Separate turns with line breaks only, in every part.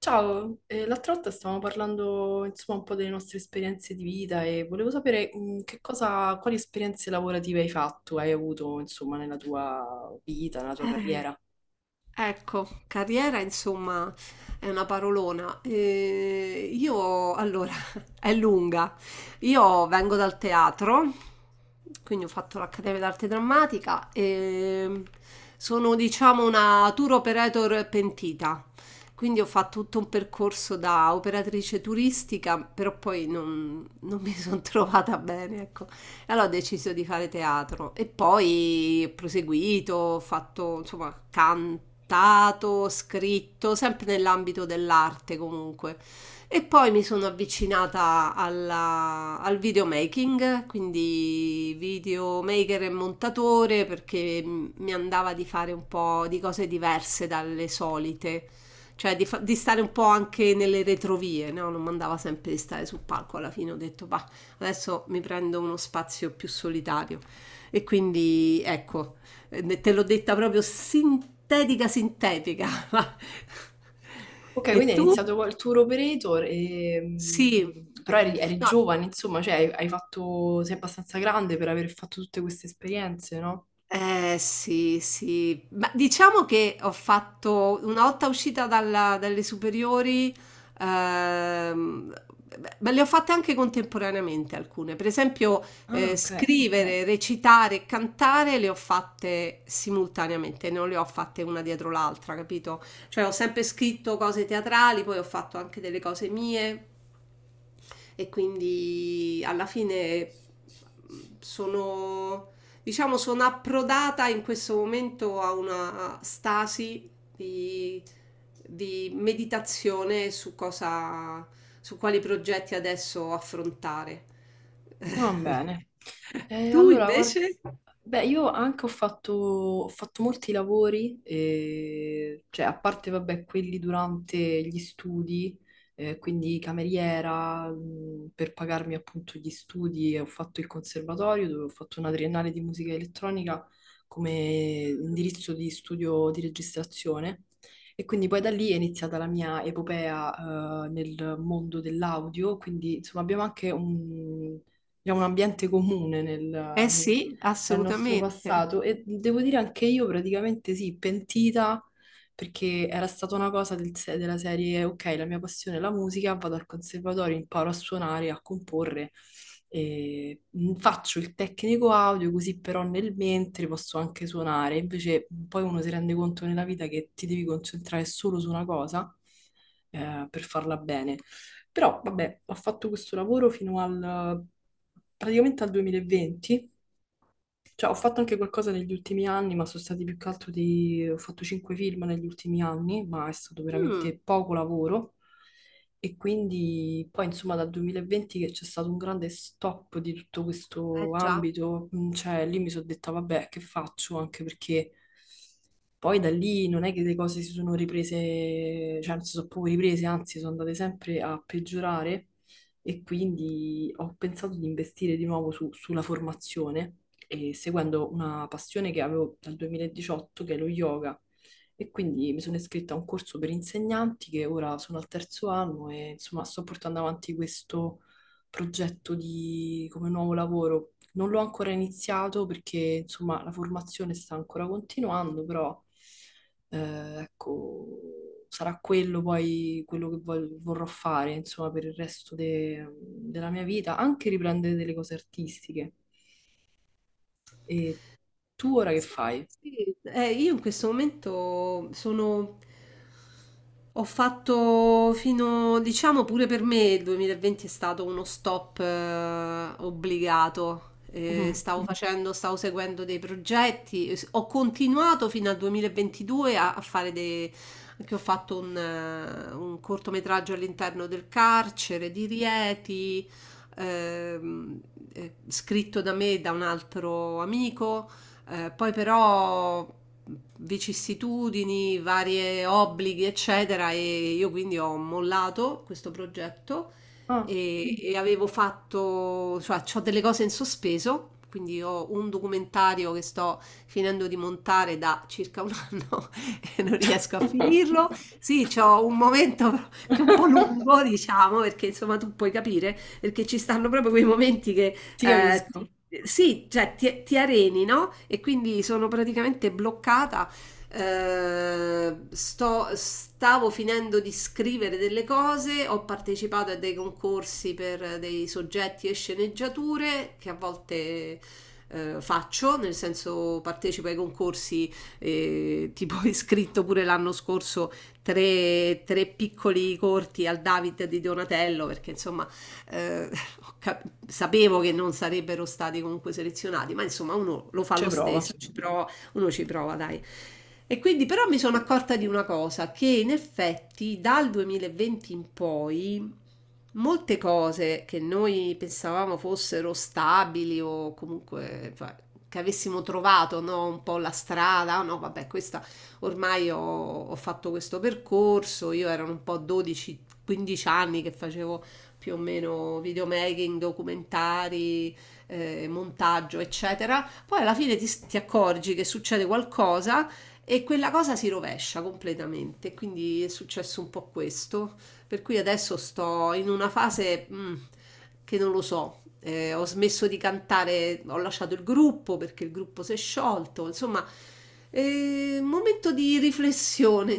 Ciao, l'altra volta stavamo parlando insomma un po' delle nostre esperienze di vita e volevo sapere che cosa, quali esperienze lavorative hai fatto, hai avuto insomma nella tua vita, nella tua
Eh,
carriera.
ecco, carriera insomma è una parolona. Io allora è lunga. Io vengo dal teatro, quindi ho fatto l'Accademia d'Arte Drammatica e sono diciamo una tour operator pentita. Quindi ho fatto tutto un percorso da operatrice turistica, però poi non mi sono trovata bene, ecco. Allora ho deciso di fare teatro e poi ho proseguito, ho fatto, insomma, cantato, scritto, sempre nell'ambito dell'arte comunque. E poi mi sono avvicinata al videomaking, quindi videomaker e montatore, perché mi andava di fare un po' di cose diverse dalle solite, cioè di stare un po' anche nelle retrovie, no? Non mi andava sempre di stare sul palco, alla fine ho detto, bah, adesso mi prendo uno spazio più solitario. E quindi ecco, te l'ho detta proprio sintetica, sintetica.
Ok,
E
quindi hai
tu?
iniziato col tour operator, e,
Sì.
però eri
No,
giovane, insomma, cioè hai fatto, sei abbastanza grande per aver fatto tutte queste esperienze, no?
eh sì, sì, ma diciamo che ho fatto una volta uscita dalle superiori, ehm, beh, ma le ho fatte anche contemporaneamente alcune, per esempio
Ah, ok.
scrivere, recitare, e cantare le ho fatte simultaneamente, non le ho fatte una dietro l'altra, capito? Cioè ho sempre scritto cose teatrali, poi ho fatto anche delle cose mie e quindi alla fine sono... Diciamo sono approdata in questo momento a una stasi di, di meditazione su cosa, su quali progetti adesso affrontare.
Va bene.
Tu
Allora, guarda,
invece?
beh, io anche ho fatto molti lavori, cioè a parte, vabbè, quelli durante gli studi, quindi cameriera, per pagarmi appunto gli studi, e ho fatto il conservatorio dove ho fatto una triennale di musica elettronica come indirizzo di studio di registrazione. E quindi poi da lì è iniziata la mia epopea, nel mondo dell'audio, quindi insomma abbiamo anche un diciamo, un ambiente comune
Eh sì,
nel nostro
assolutamente.
passato e devo dire anche io praticamente sì, pentita perché era stata una cosa del se- della serie, ok, la mia passione è la musica, vado al conservatorio, imparo a suonare, a comporre, e faccio il tecnico audio così però nel mentre posso anche suonare, invece poi uno si rende conto nella vita che ti devi concentrare solo su una cosa per farla bene. Però, vabbè, ho fatto questo lavoro praticamente al 2020. Cioè, ho fatto anche qualcosa negli ultimi anni, ma sono stati più che altro Ho fatto cinque film negli ultimi anni, ma è stato
Mm,
veramente poco lavoro. E quindi poi, insomma, dal 2020 che c'è stato un grande stop di tutto questo
eh già.
ambito, cioè lì mi sono detta, vabbè, che faccio? Anche perché poi da lì non è che le cose si sono riprese, cioè non si sono proprio riprese, anzi sono andate sempre a peggiorare e quindi ho pensato di investire di nuovo sulla formazione e seguendo una passione che avevo dal 2018, che è lo yoga. E quindi mi sono iscritta a un corso per insegnanti che ora sono al terzo anno e insomma sto portando avanti questo progetto di, come nuovo lavoro. Non l'ho ancora iniziato perché insomma la formazione sta ancora continuando, però ecco, sarà quello poi quello che vorrò fare insomma per il resto della mia vita, anche riprendere delle cose artistiche. E tu ora che
Sai
fai?
sì, io in questo momento sono ho fatto fino, diciamo pure per me il 2020 è stato uno stop obbligato.
Mhm.
Stavo mm facendo, stavo seguendo dei progetti, ho continuato fino al 2022 a, a fare dei... che ho fatto un cortometraggio all'interno del carcere di Rieti, ehm, scritto da me e da un altro amico. Poi però vicissitudini, varie obblighi, eccetera, e io quindi ho mollato questo progetto
Ah.
e avevo fatto, cioè, ho delle cose in sospeso. Quindi ho un documentario che sto finendo di montare da circa un anno e non riesco a finirlo. Sì, c'ho un momento che è un po' lungo, diciamo, perché insomma tu puoi capire, perché ci stanno proprio quei momenti che
Ti
eh,
capisco,
ti- sì, cioè ti areni, no? E quindi sono praticamente bloccata. Stavo finendo di scrivere delle cose, ho partecipato a dei concorsi per dei soggetti e sceneggiature che a volte faccio, nel senso partecipo ai concorsi, tipo ho iscritto pure l'anno scorso tre piccoli corti al David di Donatello, perché insomma eh, sapevo che non sarebbero stati comunque selezionati, ma insomma uno lo fa
c'è
lo
prova.
stesso, ci prova, uno ci prova, dai. E quindi però mi sono accorta di una cosa, che in effetti dal 2020 in poi molte cose che noi pensavamo fossero stabili o comunque che avessimo trovato no, un po' la strada, "Ah, no, vabbè, questa ormai ho fatto questo percorso, io erano un po' 12-15 anni che facevo più o meno videomaking, documentari, montaggio, eccetera. Poi alla fine ti accorgi che succede qualcosa e quella cosa si rovescia completamente. Quindi è successo un po' questo. Per cui adesso sto in una fase mm, che non lo so. Ho smesso di cantare, ho lasciato il gruppo perché il gruppo si è sciolto. Insomma, è un momento di riflessione,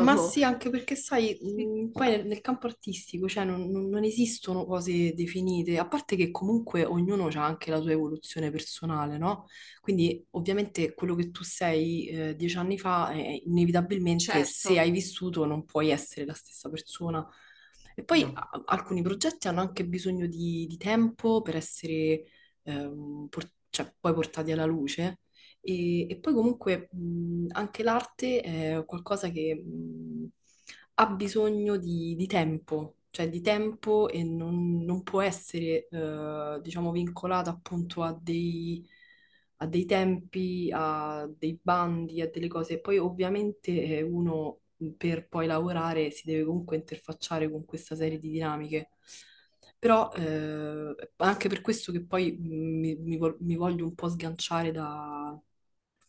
Ma sì, anche perché sai, poi nel campo artistico, cioè, non esistono cose definite, a parte che comunque ognuno ha anche la sua evoluzione personale, no? Quindi ovviamente quello che tu sei 10 anni fa, inevitabilmente
Certo,
se hai vissuto non puoi essere la stessa persona. E poi
no,
alcuni progetti hanno anche bisogno di tempo per essere cioè, poi portati alla luce. E poi comunque anche l'arte è qualcosa che ha bisogno di tempo, cioè di tempo e non, non può essere, diciamo, vincolata appunto a dei tempi, a dei bandi, a delle cose. Poi ovviamente uno per poi lavorare si deve comunque interfacciare con questa serie di dinamiche. Però anche per questo che poi mi voglio un po' sganciare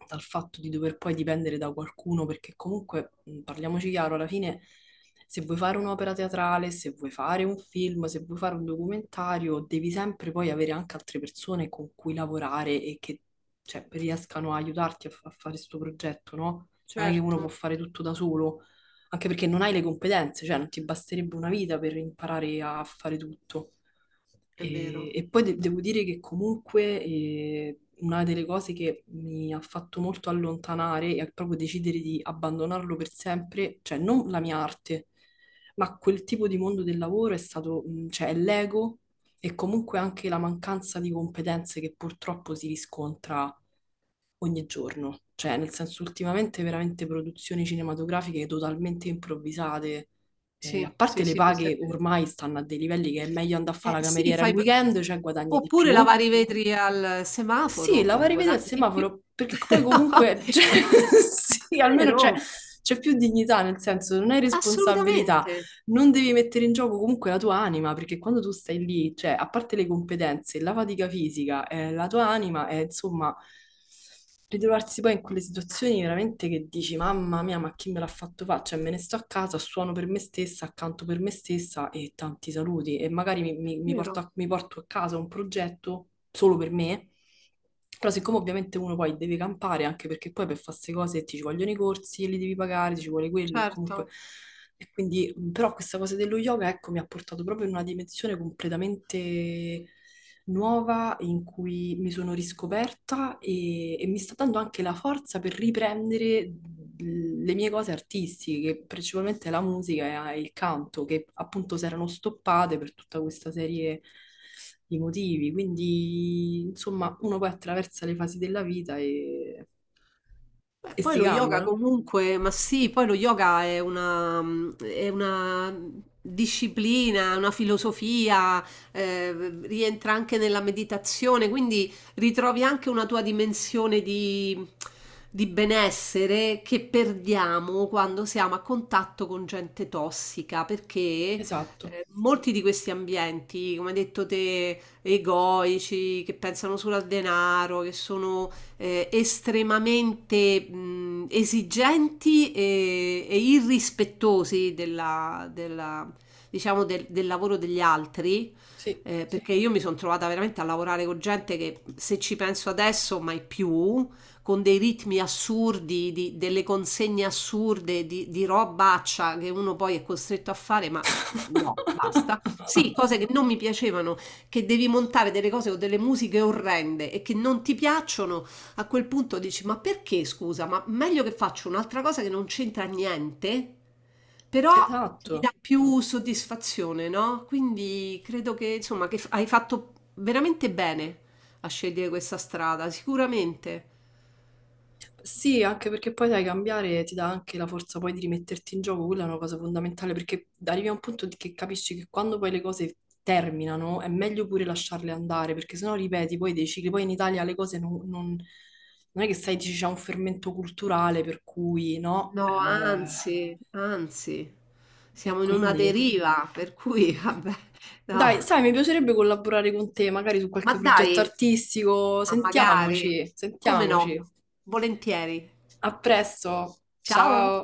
dal fatto di dover poi dipendere da qualcuno, perché comunque, parliamoci chiaro, alla fine se vuoi fare un'opera teatrale, se vuoi fare un film, se vuoi fare un documentario, devi sempre poi avere anche altre persone con cui lavorare e che cioè, riescano a aiutarti a, a fare questo progetto, no? Cioè non è che uno può
certo.
fare tutto da solo anche perché non hai le competenze, cioè non ti basterebbe una vita per imparare a fare tutto.
È vero.
E poi devo dire che comunque una delle cose che mi ha fatto molto allontanare è proprio decidere di abbandonarlo per sempre, cioè non la mia arte, ma quel tipo di mondo del lavoro è stato, cioè è l'ego e comunque anche la mancanza di competenze che purtroppo si riscontra ogni giorno, cioè nel senso ultimamente veramente produzioni cinematografiche totalmente improvvisate. A
Sì,
parte
sì,
le
sì, questo è
paghe
vero.
ormai stanno a dei livelli che è meglio andare a fare
Eh
la
sì,
cameriera il
fai p
weekend, cioè guadagni di
oppure
più.
lavare i vetri al
Sì,
semaforo,
la vai a rivedere al
guadagni di più.
semaforo, perché poi
No,
comunque, cioè,
è
sì, almeno
vero,
c'è più dignità, nel senso non hai responsabilità,
assolutamente,
non devi mettere in gioco comunque la tua anima, perché quando tu stai lì, cioè a parte le competenze, la fatica fisica, la tua anima è insomma ritrovarsi poi in quelle situazioni veramente che dici, mamma mia, ma chi me l'ha fatto fare? Cioè, me ne sto a casa, suono per me stessa, accanto per me stessa e tanti saluti. E magari
è vero,
mi porto a casa un progetto solo per me. Però siccome ovviamente uno poi deve campare, anche perché poi per fare queste cose ti ci vogliono i corsi, e li devi pagare, ti ci vuole quello e comunque...
certo.
E quindi, però questa cosa dello yoga, ecco, mi ha portato proprio in una dimensione completamente nuova in cui mi sono riscoperta e mi sta dando anche la forza per riprendere le mie cose artistiche, principalmente la musica e il canto, che appunto si erano stoppate per tutta questa serie di motivi. Quindi, insomma, uno poi attraversa le fasi della vita
Beh,
e
poi
si
lo
cambia,
yoga
no?
comunque, ma sì, poi lo yoga è una, mm, è una disciplina, una filosofia, eh, rientra anche nella meditazione, quindi ritrovi anche una tua dimensione di benessere che perdiamo quando siamo a contatto con gente tossica, perché
Esatto,
molti di questi ambienti, come hai detto te, egoici, che pensano solo al denaro, che sono estremamente esigenti e irrispettosi diciamo del, del lavoro degli altri,
sì.
perché io mi sono trovata veramente a lavorare con gente che se ci penso adesso mai più, con dei ritmi assurdi, delle consegne assurde, di robaccia che uno poi è costretto a fare, ma no, basta. Sì, cose che non mi piacevano che devi montare delle cose o delle musiche orrende e che non ti piacciono a quel punto dici, ma perché scusa? Ma meglio che faccio un'altra cosa che non c'entra niente, però mi
Esatto.
dà più soddisfazione, no? Quindi credo che, insomma, hai fatto veramente bene a scegliere questa strada, sicuramente.
Sì, anche perché poi sai, cambiare ti dà anche la forza poi di rimetterti in gioco, quella è una cosa fondamentale perché arrivi a un punto che capisci che quando poi le cose terminano è meglio pure lasciarle andare perché sennò ripeti poi dei cicli, poi in Italia le cose non è che sai, dici, c'è un fermento culturale per cui no.
No, anzi, anzi,
E
siamo in una
quindi...
deriva, per cui, vabbè,
Dai,
no.
sai, mi piacerebbe collaborare con te magari su
Ma
qualche progetto
dai,
artistico,
ma magari,
sentiamoci,
come no?
sentiamoci.
Volentieri.
A presto,
Ciao!
ciao!